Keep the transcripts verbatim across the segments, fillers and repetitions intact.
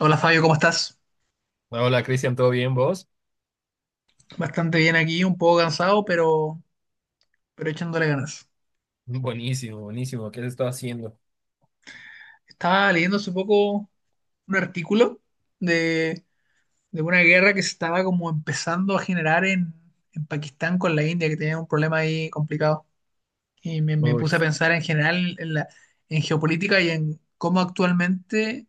Hola Fabio, ¿cómo estás? Hola, Cristian, ¿todo bien vos? Bastante bien aquí, un poco cansado, pero, pero echándole ganas. Buenísimo, buenísimo. ¿Qué has estado haciendo? Estaba leyendo hace poco un artículo de, de una guerra que se estaba como empezando a generar en, en Pakistán con la India, que tenía un problema ahí complicado. Y me, me Uy, puse a pensar en general en la, en geopolítica y en cómo actualmente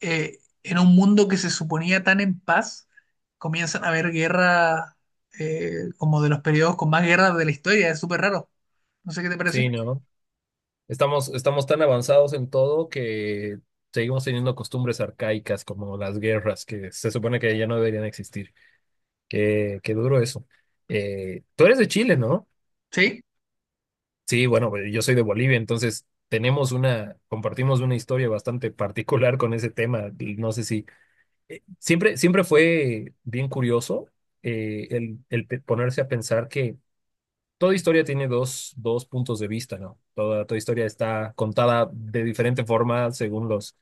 eh, en un mundo que se suponía tan en paz, comienzan a haber guerras eh, como de los periodos con más guerras de la historia. Es súper raro. No sé qué te parece. sí, ¿no? Estamos, estamos tan avanzados en todo que seguimos teniendo costumbres arcaicas como las guerras, que se supone que ya no deberían existir. Qué, qué duro eso. Eh, tú eres de Chile, ¿no? ¿Sí? Sí, bueno, pues, yo soy de Bolivia, entonces tenemos una, compartimos una historia bastante particular con ese tema. Y no sé si eh, siempre, siempre fue bien curioso eh, el, el pe- ponerse a pensar que toda historia tiene dos, dos puntos de vista, ¿no? Toda, toda historia está contada de diferente forma según los,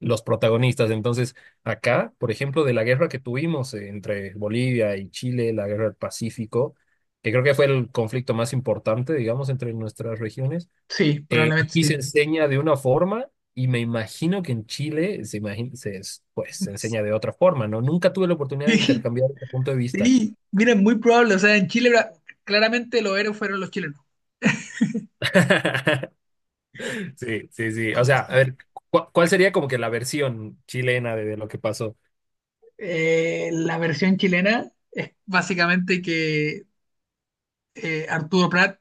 los protagonistas. Entonces, acá, por ejemplo, de la guerra que tuvimos entre Bolivia y Chile, la guerra del Pacífico, que creo que fue el conflicto más importante, digamos, entre nuestras regiones, Sí, eh, probablemente aquí se sí. enseña de una forma y me imagino que en Chile se, imagina, se, es- pues, se enseña de otra forma, ¿no? Nunca tuve la oportunidad de Sí, intercambiar este punto de vista. sí. Mira, es muy probable. O sea, en Chile bra- claramente los héroes fueron los chilenos. Sí, sí, sí. O sea, Somos- a somos- ver, ¿cu- ¿cuál sería como que la versión chilena de, de lo que pasó? eh, la versión chilena es básicamente que eh, Arturo Prat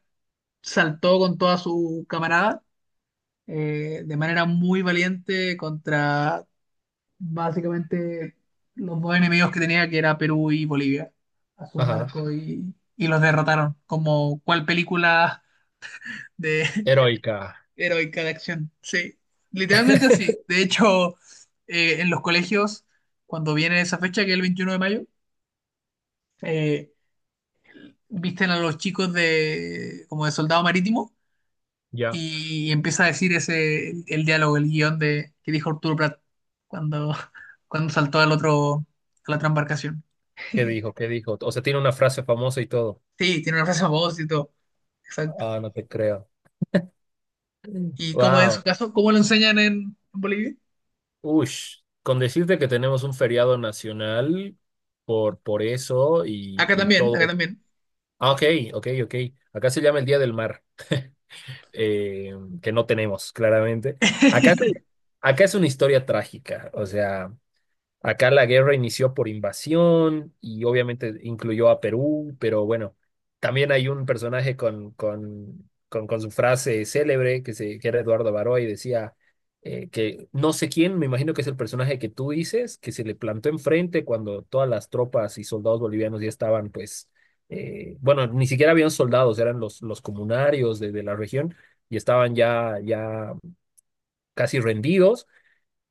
saltó con toda su camarada, eh, de manera muy valiente contra básicamente los dos enemigos que tenía, que era Perú y Bolivia, a su Ajá. barco y, y los derrotaron. Como cual película de Heroica. heroica de acción. Sí, literalmente así. De hecho, eh, en los colegios, cuando viene esa fecha, que es el veintiuno de mayo, eh, visten a los chicos de como de soldado marítimo Ya. y empieza a decir ese el, el diálogo, el guión de que dijo Arturo Prat cuando, cuando saltó al otro, a la otra embarcación. ¿Qué dijo? ¿Qué dijo? O sea, tiene una frase famosa y todo. Sí, tiene una frase famosa y todo. Exacto. Ah, no te creo. ¿Y cómo es en Wow. su caso? ¿Cómo lo enseñan en, en Bolivia? Ush. Con decirte que tenemos un feriado nacional por, por eso y, Acá y también, acá todo. también. Ah, ok, ok, ok. Acá se llama el Día del Mar, eh, que no tenemos, claramente. Acá, te- acá es una historia trágica. O sea. Acá la guerra inició por invasión y obviamente incluyó a Perú, pero bueno, también hay un personaje con, con, con, con su frase célebre que, se, que era Eduardo Baroy, decía eh, que no sé quién, me imagino que es el personaje que tú dices, que se le plantó enfrente cuando todas las tropas y soldados bolivianos ya estaban, pues, eh, bueno, ni siquiera habían soldados, eran los, los comunarios de, de la región y estaban ya, ya casi rendidos.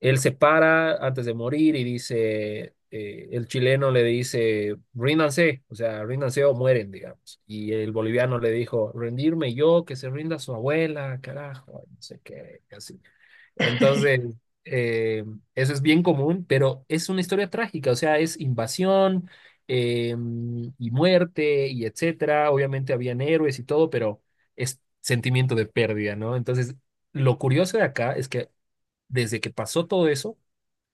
Él se para antes de morir y dice, eh, el chileno le dice, ríndanse, o sea, ríndanse o mueren, digamos. Y el boliviano le dijo, rendirme yo, que se rinda su abuela, carajo, no sé qué, así. Entonces, eh, eso es bien común, pero es una historia trágica, o sea, es invasión eh, y muerte y etcétera. Obviamente habían héroes y todo, pero es sentimiento de pérdida, ¿no? Entonces, lo curioso de acá es que desde que pasó todo eso,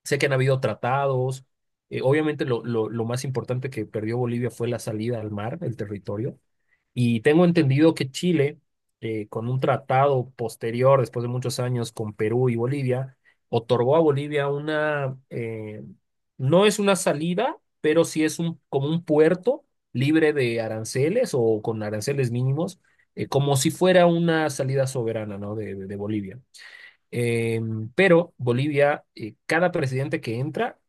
sé que han habido tratados. Eh, obviamente lo, lo, lo más importante que perdió Bolivia fue la salida al mar, el territorio. Y tengo entendido que Chile, eh, con un tratado posterior, después de muchos años, con Perú y Bolivia, otorgó a Bolivia una, eh, no es una salida, pero sí es un, como un puerto libre de aranceles o con aranceles mínimos, eh, como si fuera una salida soberana, ¿no? de de- de Bolivia. Eh, pero Bolivia, eh, cada presidente que entra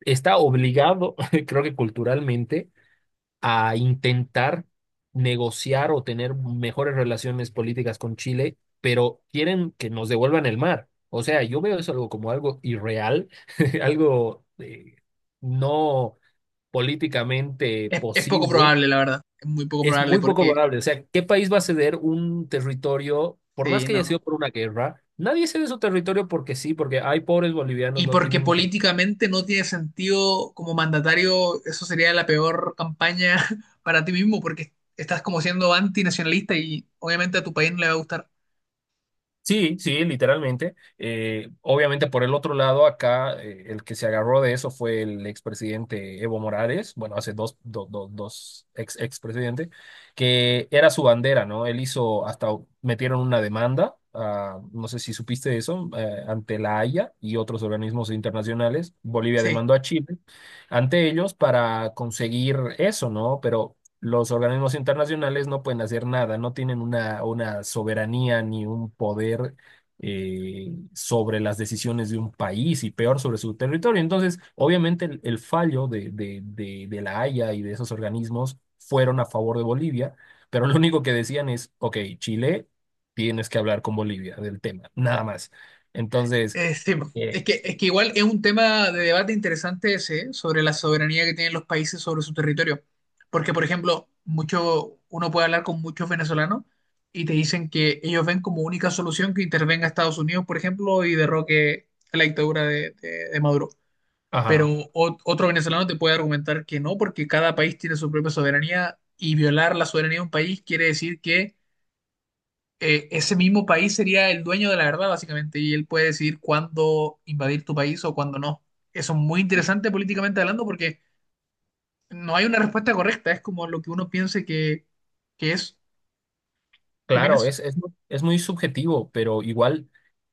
está obligado, creo que culturalmente, a intentar negociar o tener mejores relaciones políticas con Chile, pero quieren que nos devuelvan el mar. O sea, yo veo eso algo como algo irreal, algo eh, no políticamente Es, es poco posible. probable, la verdad. Es muy poco Es probable muy poco porque, probable. O sea, ¿qué país va a ceder un territorio, por más sí, que haya no. sido por una guerra? Nadie cede su territorio porque sí, porque hay pobres bolivianos, Y no porque tienen. políticamente no tiene sentido como mandatario, eso sería la peor campaña para ti mismo porque estás como siendo antinacionalista y obviamente a tu país no le va a gustar. Sí, sí, literalmente. Eh, obviamente por el otro lado, acá eh, el que se agarró de eso fue el expresidente Evo Morales, bueno, hace dos, do- do- dos ex expresidentes, que era su bandera, ¿no? Él hizo, hasta metieron una demanda, ah, no sé si supiste eso, eh, ante la Haya y otros organismos internacionales. Bolivia Sí. demandó a Chile ante ellos para conseguir eso, ¿no? Pero los organismos internacionales no pueden hacer nada, no tienen una, una soberanía ni un poder eh, sobre las decisiones de un país y peor sobre su territorio. Entonces, obviamente el, el fallo de, de, de, de la Haya y de esos organismos fueron a favor de Bolivia, pero lo único que decían es, ok, Chile, tienes que hablar con Bolivia del tema, nada más. Entonces, Eh, sí, po. eh, Es que, es que igual es un tema de debate interesante ese, ¿eh? Sobre la soberanía que tienen los países sobre su territorio. Porque, por ejemplo, mucho, uno puede hablar con muchos venezolanos y te dicen que ellos ven como única solución que intervenga Estados Unidos, por ejemplo, y derroque la dictadura de, de- de Maduro. Pero ajá. o- otro venezolano te puede argumentar que no, porque cada país tiene su propia soberanía y violar la soberanía de un país quiere decir que eh, ese mismo país sería el dueño de la verdad, básicamente, y él puede decidir cuándo invadir tu país o cuándo no. Eso es muy interesante políticamente hablando porque no hay una respuesta correcta, es como lo que uno piense que, que es. ¿Qué Claro, opinas? es, es, es muy subjetivo, pero igual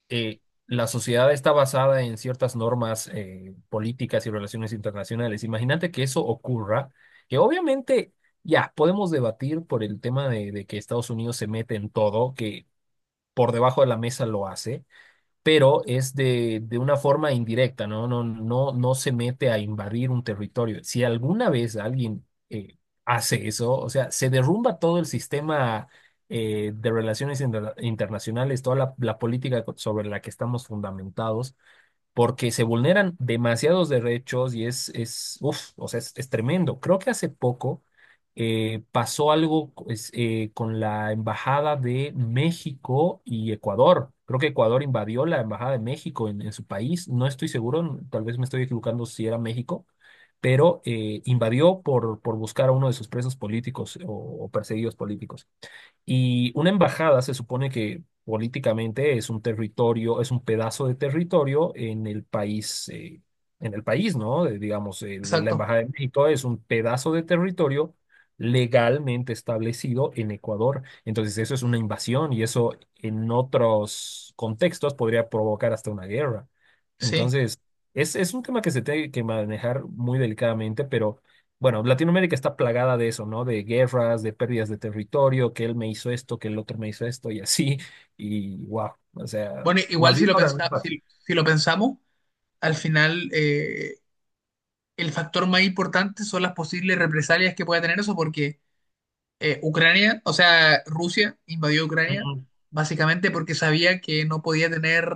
eh, la sociedad está basada en ciertas normas eh, políticas y relaciones internacionales. Imagínate que eso ocurra, que obviamente ya podemos debatir por el tema de, de que Estados Unidos se mete en todo, que por debajo de la mesa lo hace, pero es de, de una forma indirecta, ¿no? No, no, no se mete a invadir un territorio. Si alguna vez alguien eh, hace eso, o sea, se derrumba todo el sistema eh, de relaciones inter- internacionales, toda la, la política co- sobre la que estamos fundamentados, porque se vulneran demasiados derechos y es, es, uf, o sea, es, es tremendo. Creo que hace poco eh, pasó algo es eh, con la embajada de México y Ecuador. Creo que Ecuador invadió la embajada de México en, en su país. No estoy seguro, tal vez me estoy equivocando si era México, pero eh, invadió por, por buscar a uno de sus presos políticos o o perseguidos políticos. Y una embajada se supone que políticamente es un territorio, es un pedazo de territorio en el país, eh, en el país, ¿no? Eh, digamos, eh, la la Exacto, Embajada de México es un pedazo de territorio legalmente establecido en Ecuador. Entonces, eso es una invasión y eso en otros contextos podría provocar hasta una guerra. sí. Entonces, es, es un tema que se tiene que manejar muy delicadamente, pero... Bueno, Latinoamérica está plagada de eso, ¿no? De guerras, de pérdidas de territorio, que él me hizo esto, que el otro me hizo esto y así. Y wow, o sea, Bueno, más igual si bien lo ahora no es pensa- fácil. si, si lo pensamos, al final eh, el factor más importante son las posibles represalias que pueda tener eso, porque eh, Ucrania, o sea, Rusia invadió Ucrania Ujú. básicamente porque sabía que no podía tener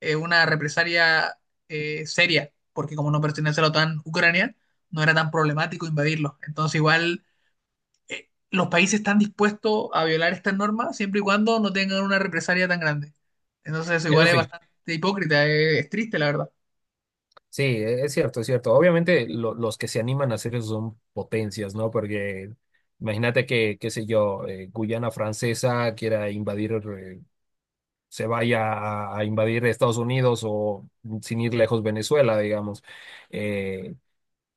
eh, una represalia eh, seria, porque como no pertenece a la OTAN, Ucrania no era tan problemático invadirlo. Entonces igual eh, los países están dispuestos a violar estas normas siempre y cuando no tengan una represalia tan grande. Entonces eso igual Eso es sí, bastante hipócrita, eh, es, triste la verdad. sí, e- es cierto, es cierto. Obviamente lo- los que se animan a hacer eso son potencias, ¿no? Porque imagínate que, qué sé yo, eh, Guyana Francesa quiera invadir, eh, se vaya a, a invadir Estados Unidos o mm, sin ir lejos Venezuela, digamos. eh,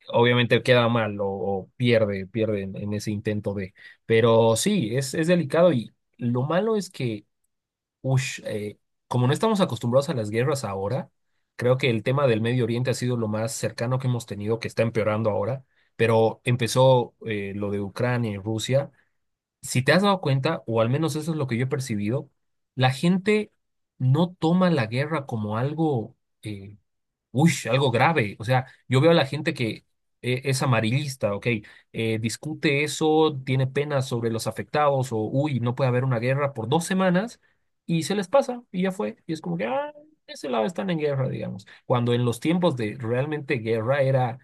Obviamente queda mal o, o pierde, pierde en, en ese intento de. Pero sí, es, es delicado y lo malo es que, ush, eh, como no estamos acostumbrados a las guerras ahora, creo que el tema del Medio Oriente ha sido lo más cercano que hemos tenido, que está empeorando ahora, pero empezó eh, lo de Ucrania y Rusia. Si te has dado cuenta, o al menos eso es lo que yo he percibido, la gente no toma la guerra como algo... eh, uy, algo grave. O sea, yo veo a la gente que eh, es amarillista, ok, eh, discute eso, tiene penas sobre los afectados o, uy, no puede haber una guerra por dos semanas y se les pasa y ya fue. Y es como que, ah, ese lado están en guerra, digamos. Cuando en los tiempos de realmente guerra era...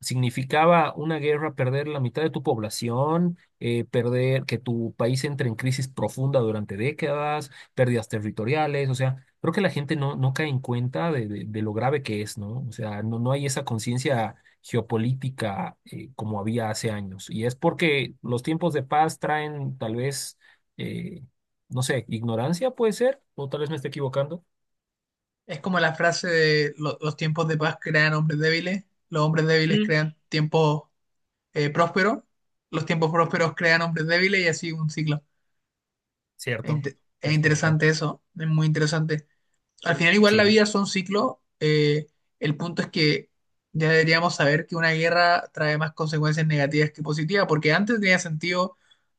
Significaba una guerra perder la mitad de tu población, eh, perder que tu país entre en crisis profunda durante décadas, pérdidas territoriales, o sea, creo que la gente no, no cae en cuenta de, de- de lo grave que es, ¿no? O sea, no, no hay esa conciencia geopolítica eh, como había hace años. Y es porque los tiempos de paz traen tal vez, eh, no sé, ignorancia puede ser, o tal vez me esté equivocando. Es como la frase de "Lo- los tiempos de paz crean hombres débiles, los hombres débiles Mm. crean tiempos eh, próspero, los tiempos prósperos crean hombres débiles y así un ciclo." Es, Cierto, inte- Es es cierto. interesante eso, es muy interesante. Al final igual la Sí, vida son ciclos, eh, el punto es que ya deberíamos saber que una guerra trae más consecuencias negativas que positivas, porque antes tenía sentido,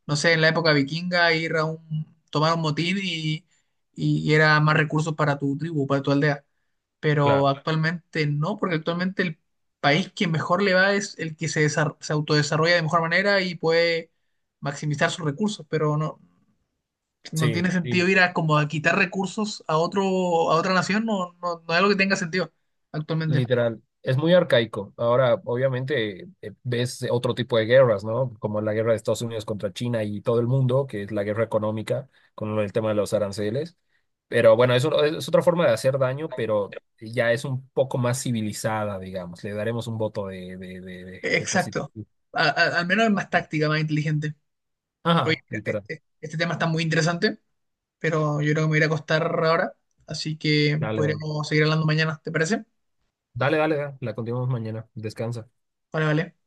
no sé, en la época vikinga ir a un, tomar un motín y, y era más recursos para tu tribu, para tu aldea, pero claro. actualmente no, porque actualmente el país que mejor le va es el que se, desar- se autodesarrolla de mejor manera y puede maximizar sus recursos, pero no, no Sí, tiene sentido sí, ir a como a quitar recursos a otro, a otra nación, no, no, no es algo que tenga sentido actualmente. literal, es muy arcaico. Ahora, obviamente, eh, ves otro tipo de guerras, ¿no? Como la guerra de Estados Unidos contra China y todo el mundo, que es la guerra económica con el tema de los aranceles. Pero bueno, eso es es otra forma de hacer daño, pero ya es un poco más civilizada, digamos. Le daremos un voto de, de, de, de de Exacto. positivo. A- a- al menos es más táctica, más inteligente. Oye, Ajá, literal. este, este tema está muy interesante, pero yo creo que me voy a ir a acostar ahora, así que Dale, dale. podríamos seguir hablando mañana, ¿te parece? Dale, dale, dale. La continuamos mañana. Descansa. Vale, vale.